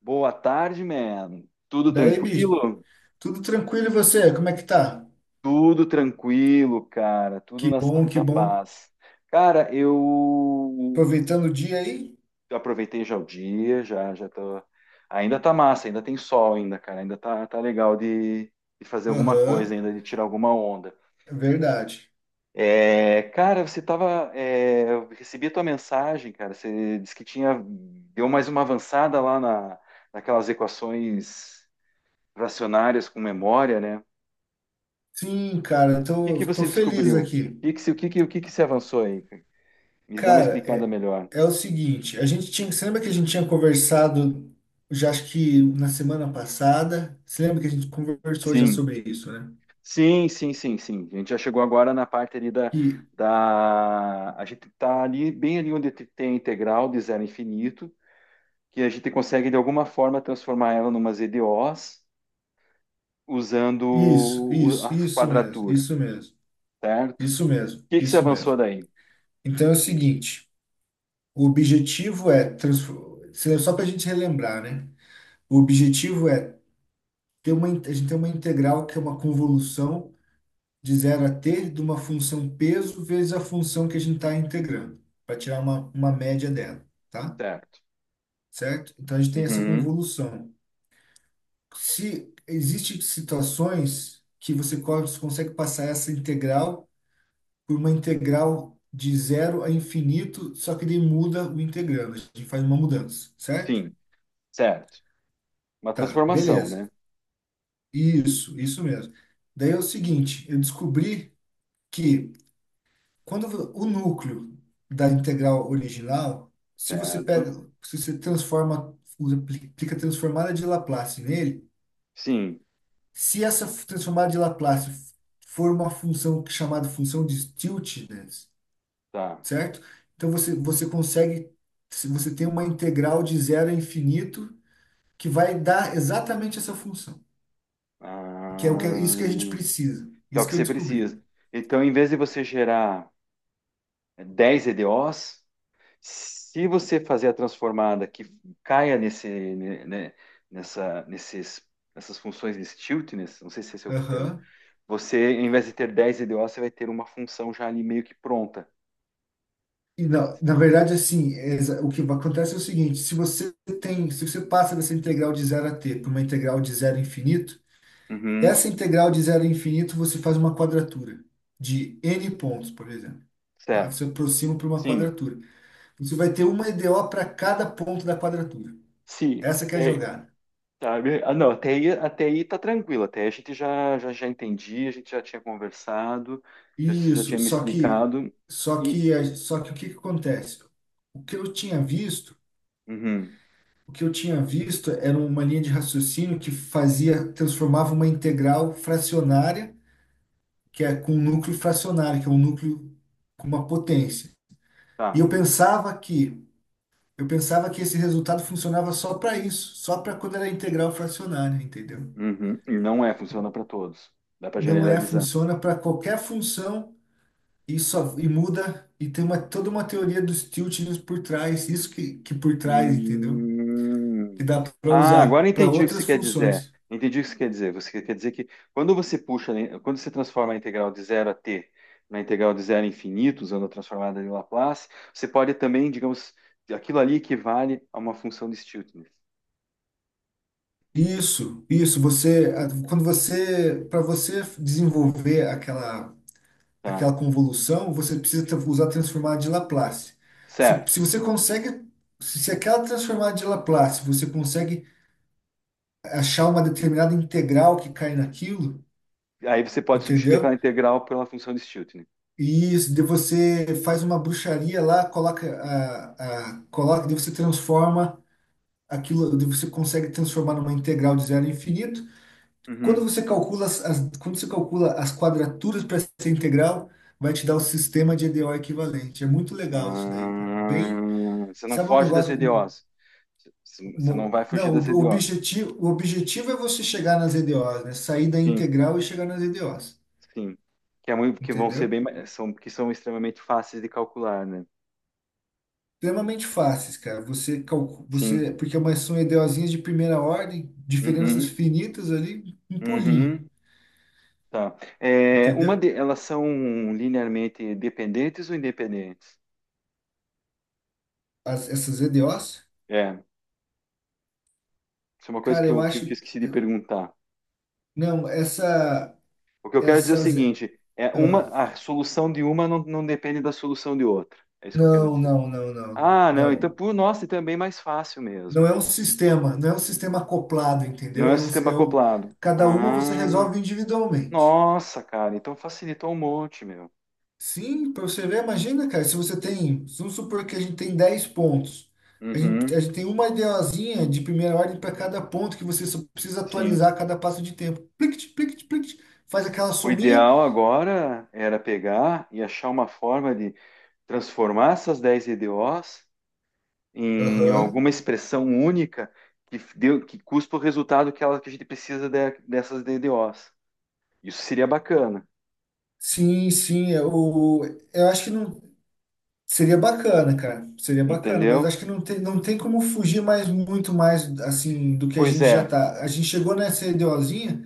Boa tarde, man. Tudo Daí, bicho, tranquilo? tudo tranquilo e você? Como é que tá? Tudo tranquilo, cara. Tudo Que na bom, que santa bom. paz. Cara, eu Aproveitando o dia aí? aproveitei já o dia, já já tô. Ainda tá massa, ainda tem sol ainda, cara. Ainda tá legal de fazer alguma coisa Aham, ainda, de tirar alguma onda. é verdade. É, cara, eu recebi a tua mensagem, cara. Você disse que tinha. Deu mais uma avançada naquelas equações fracionárias com memória, né? Sim, cara, que tô, que tô você feliz descobriu? Aqui. O que que se avançou aí, cara? Me dá uma Cara, explicada é, melhor. é o seguinte, a gente tinha, você lembra que a gente tinha conversado, já acho que na semana passada, você lembra que a gente conversou já Sim, sobre isso, né? sim. A gente já chegou agora na parte Que, da... A gente está ali, bem ali onde tem a integral de zero a infinito, que a gente consegue, de alguma forma, transformar ela numa EDOs usando isso, isso, a isso mesmo, quadratura, isso mesmo, certo? isso mesmo, O que que se isso avançou mesmo. daí? Então é o seguinte, o objetivo é, só para a gente relembrar, né? O objetivo é ter a gente tem uma integral que é uma convolução de zero a t de uma função peso vezes a função que a gente está integrando, para tirar uma média dela, tá? Certo. Certo? Então a gente tem essa Uhum. convolução. Se existem situações que você consegue passar essa integral por uma integral de zero a infinito, só que ele muda o integrando, a gente faz uma mudança, certo? Sim, certo. Uma Tá, transformação, beleza. né? Isso mesmo. Daí é o seguinte, eu descobri que quando o núcleo da integral original, se você Certo. pega, se você transforma, aplica a transformada de Laplace nele, Sim, se essa transformada de Laplace for uma função chamada função de Stieltjes, tá. certo? Então você consegue, se você tem uma integral de zero a infinito que vai dar exatamente essa função, que é o Ah, isso que a gente precisa. que é o Isso que que eu você descobri. precisa. Então, em vez de você gerar 10 EDOs, se você fazer a transformada que caia nesse, né, nessa, nesses, nessas funções de stiltness, não sei se esse é o termo, Aham. você, em vez de ter 10 EDOs, você vai ter uma função já ali meio que pronta. E na verdade, assim, o acontece é o seguinte: se você passa dessa integral de zero a t para uma integral de zero a infinito, Uhum, essa integral de zero a infinito você faz uma quadratura de n pontos, por exemplo. Tá? Você certo. aproxima para uma Sim. quadratura. Você vai ter uma EDO para cada ponto da quadratura. Se, Essa que é a é, jogada. sabe? Ah, não, até aí tá tranquilo, até aí a gente já entendi, a gente já tinha conversado, já, você já Isso, tinha me explicado e... só que o que que acontece? O que eu tinha visto Uhum, O que eu tinha visto era uma linha de raciocínio que fazia, transformava uma integral fracionária, que é com um núcleo fracionário, que é um núcleo com uma potência. E tá, eu pensava que esse resultado funcionava só para isso, só para quando era integral fracionária, entendeu? uhum, e não é, funciona para todos, dá para Não é, generalizar. funciona para qualquer função e só e muda e tem uma toda uma teoria dos tiltings por trás, isso que por trás, entendeu? Que Hum. dá para Ah, agora usar para entendi o que você outras quer dizer. funções. Entendi o que você quer dizer. Você quer dizer que quando você puxa, né, quando você transforma a integral de zero a t na integral de zero a infinito, usando a transformada de Laplace, você pode também, digamos, aquilo ali equivale a uma função de Stieltjes. Isso, quando para você desenvolver aquela, Tá. aquela convolução, você precisa usar a transformada de Laplace. Se, Certo. se você consegue, se aquela transformada de Laplace, você consegue achar uma determinada integral que cai naquilo, Aí você pode substituir aquela entendeu? integral pela função de Stiltner. E isso, de você faz uma bruxaria lá, coloca, daí você transforma aquilo, daí você consegue transformar numa integral de zero a infinito. Quando Uhum. você calcula as, as- quando você calcula as quadraturas para essa integral, vai te dar o sistema de EDO equivalente. É muito legal isso daí, cara. Bem, Ah, você não sabe um foge das negócio, um- EDOs. Você não vai fugir não, o das o EDOs. objetivo, o objetivo é você chegar nas EDOs, né? Sair da Sim, integral e chegar nas EDOs, sim. Que vão ser entendeu? Que são extremamente fáceis de calcular, né? Extremamente fáceis, cara. Você calcula, Sim. você, porque é mas são EDOzinhas de primeira ordem, diferenças Uhum. finitas ali, um pulinho, Uhum, tá. É, entendeu? elas são linearmente dependentes ou independentes? Essas EDOs, É, isso é uma coisa cara, eu que eu acho esqueci de eu- perguntar. não, essa. O que eu quero dizer é o Essas. seguinte: é uma, Ah, a solução de uma não depende da solução de outra. É isso que eu quero não, dizer. não, não, não, Ah, não, então, não. por nossa, então é bem mais fácil Não mesmo. é um sistema, não é um sistema acoplado, Não entendeu? é o É um, sistema é o, acoplado. cada uma você Ah, resolve individualmente. nossa, cara, então facilitou um monte, meu. Sim, para você ver, imagina, cara, se você tem, vamos supor que a gente tem 10 pontos. A gente, Uhum, a gente tem uma ideazinha de primeira ordem para cada ponto que você só precisa sim. atualizar a cada passo de tempo. Plict, plict, plict, faz aquela O sominha. ideal agora era pegar e achar uma forma de transformar essas 10 EDOs em Aham. alguma expressão única que cuspa o resultado que a gente precisa dessas EDOs. Isso seria bacana, Sim, sim, eu acho que não. Seria bacana, cara. Seria bacana, mas entendeu? acho que não tem como fugir mais muito mais assim do que a Pois gente já é, tá. A gente chegou nessa ideozinha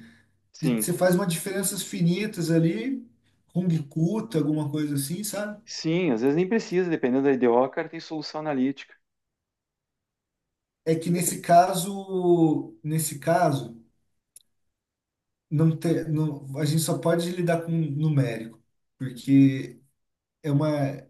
de sim. você faz umas diferenças finitas ali, Kung Kuta, alguma coisa assim, sabe? Sim, às vezes nem precisa, dependendo da IDO, cara, tem solução analítica. É que nesse caso, não tem, não, a gente só pode lidar com numérico, porque é uma, é,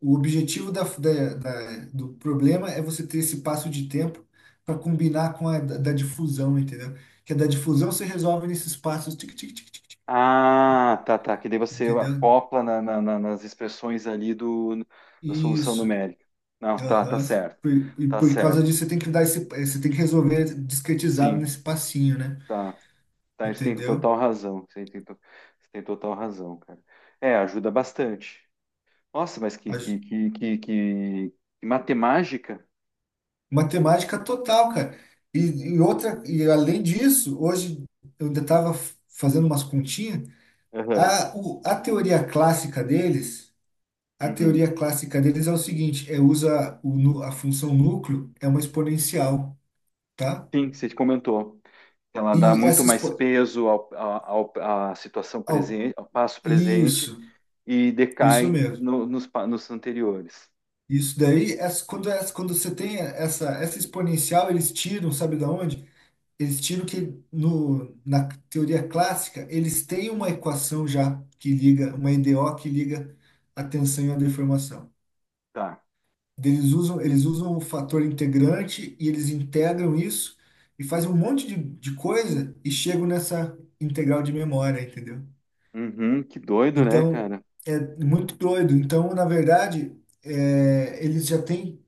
o objetivo do problema é você ter esse passo de tempo para combinar com a da difusão, entendeu? Que a da difusão você resolve nesses passos, tic, tic, tic, tic, tic, Ah, tá, tá. Que daí você entendeu? acopla nas expressões ali da solução Isso. numérica. Não, tá, tá Aham. certo. Por, e Tá por causa certo. disso, você tem que dar esse, você tem que resolver discretizado Sim, nesse passinho, né? tá. Tá, você tem Entendeu? total razão. Você tem total razão, cara. É, ajuda bastante. Nossa, A j- que matemática. matemática total, cara. E, e outra, e além disso, hoje eu ainda estava fazendo umas continhas. Aham, A teoria clássica deles, a uhum. teoria clássica deles é o seguinte, é usa a função núcleo é uma exponencial, tá? Sim, você comentou. Ela dá E muito essa mais expo, peso à situação au- presente, ao passo presente isso, e isso decai mesmo. Nos anteriores. Isso daí, quando você tem essa exponencial, eles tiram, sabe da onde? Eles tiram que no, na teoria clássica, eles têm uma equação já que liga, uma EDO que liga a tensão e a deformação. Tá. Eles usam o fator integrante e eles integram isso e fazem um monte de coisa e chegam nessa integral de memória, entendeu? Uhum, que doido, né, Então, cara? é muito doido. Então, na verdade, eles já têm.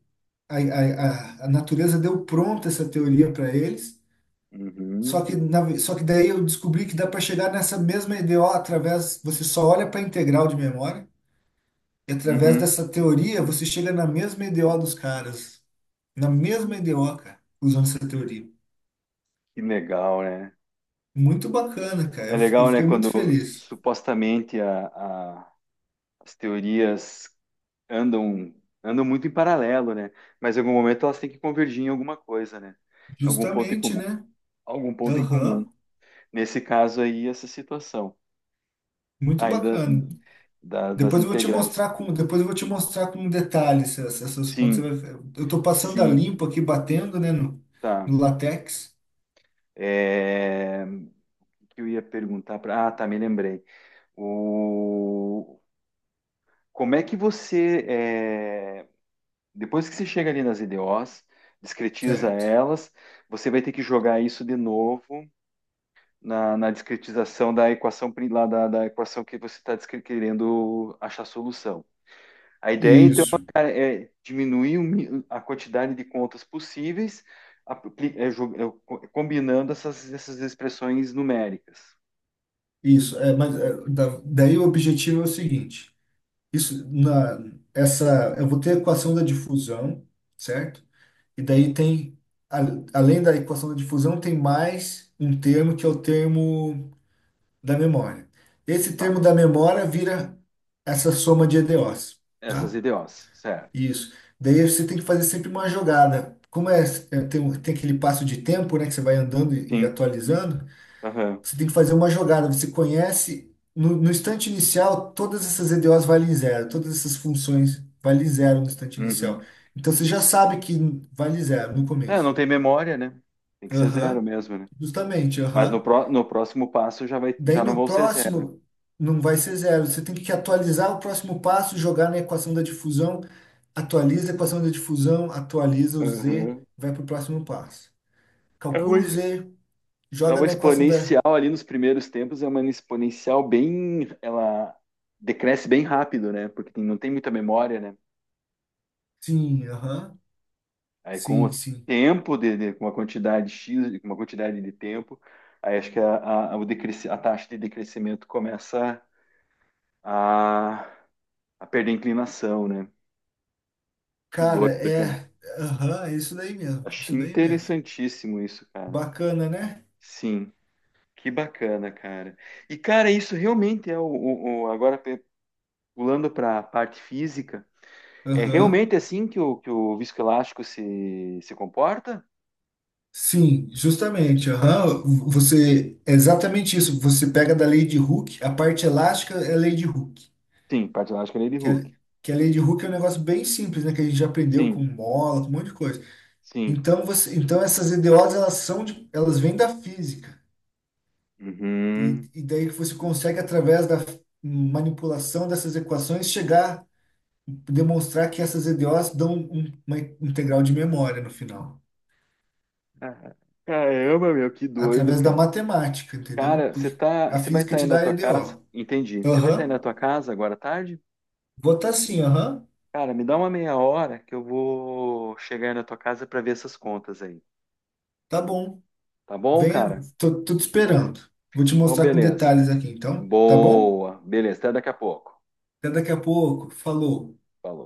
A, a, a natureza deu pronta essa teoria para eles, só Uhum, que, na ve- só que daí eu descobri que dá para chegar nessa mesma EDO através. Você só olha para a integral de memória. E através uhum, dessa teoria, você chega na mesma EDO dos caras. Na mesma EDO, cara, usando essa teoria. que legal, né? Muito bacana, cara. É Eu legal, né, fiquei muito quando feliz. supostamente as teorias andam, andam muito em paralelo, né? Mas em algum momento elas têm que convergir em alguma coisa, né? Em Algum ponto em Justamente, comum, né? algum ponto em comum. Aham, Nesse caso aí, essa situação. muito Ainda bacana. Das Depois eu vou te integrais. mostrar com, depois eu vou te mostrar com detalhes essas contas. Você Sim, vai- Eu tô passando a sim, limpo aqui, batendo, né, no, tá. no latex. É, o que eu ia perguntar para. Ah, tá, me lembrei. O, como é que você, é, depois que você chega ali nas IDOs, discretiza Certo. elas, você vai ter que jogar isso de novo na discretização da equação da equação que você está querendo achar solução. A ideia então, Isso, é diminuir a quantidade de contas possíveis, é, é, combinando essas expressões numéricas, isso. Daí o objetivo é o seguinte. Isso, eu vou ter a equação da difusão, certo? E daí a- além da equação da difusão, tem mais um termo que é o termo da memória. Esse tá? termo da memória vira essa soma de EDOs, Essas tá? IDOs, certo? Isso. Daí você tem que fazer sempre uma jogada. Como tem aquele passo de tempo, né, que você vai andando e Sim. atualizando, Aham. você tem que fazer uma jogada. Você conhece, no instante inicial, todas essas EDOs valem zero. Todas essas funções valem zero no instante inicial. Uhum. Então você já sabe que vale zero no É, não começo. tem memória, né? Tem que ser zero Aham, mesmo, né? justamente, aham. No próximo passo já vai, Daí já não no vão ser zero. próximo, não vai ser zero. Você tem que atualizar o próximo passo, jogar na equação da difusão, atualiza a equação da difusão, atualiza o Z, Aham. vai para o próximo passo. É uma, Calcula o Z, é joga uma na equação da. exponencial ali nos primeiros tempos, é uma exponencial bem, ela decresce bem rápido, né? Porque não tem muita memória, né? Sim, aham, Aí com sim, o sim. tempo com uma quantidade X, com uma quantidade de tempo, aí acho que a taxa de decrescimento começa a, a perder inclinação, né? Que doido, Cara, cara. é. Aham, é isso daí mesmo. Achei Isso daí mesmo. interessantíssimo isso, cara. Bacana, né? Sim, que bacana, cara. E, cara, isso realmente é agora pulando para a parte física, é Aham. realmente assim que que o viscoelástico se comporta? Sim, justamente. Aham. Você. É exatamente isso. Você pega da Lady Hook, a parte elástica é Lady Hook. Sim, parte elástica é de Que, Hooke. é, que a Lady Hook é um negócio bem simples, né? Que a gente já aprendeu com Sim, mola, com um monte de coisa. sim. Então essas EDOs, elas elas vêm da física. E, Uhum. e daí que você consegue, através da manipulação dessas equações, chegar demonstrar que essas EDOs dão um, uma integral de memória no final, Ah, caramba, meu, que doido, através da cara. matemática, entendeu? Cara, Porque a você vai física estar te aí na dá tua casa? EDO. Entendi. Você vai estar aí na Aham, tua casa agora à tarde? vou tá sim, aham, Cara, me dá uma meia hora que eu vou chegar aí na tua casa para ver essas contas aí. tá bom. Tá bom, Venha, cara? tô te esperando. Vou te Então, mostrar com beleza. detalhes aqui, então, tá bom? Boa. Beleza, até daqui a pouco. Até daqui a pouco, falou. Falou.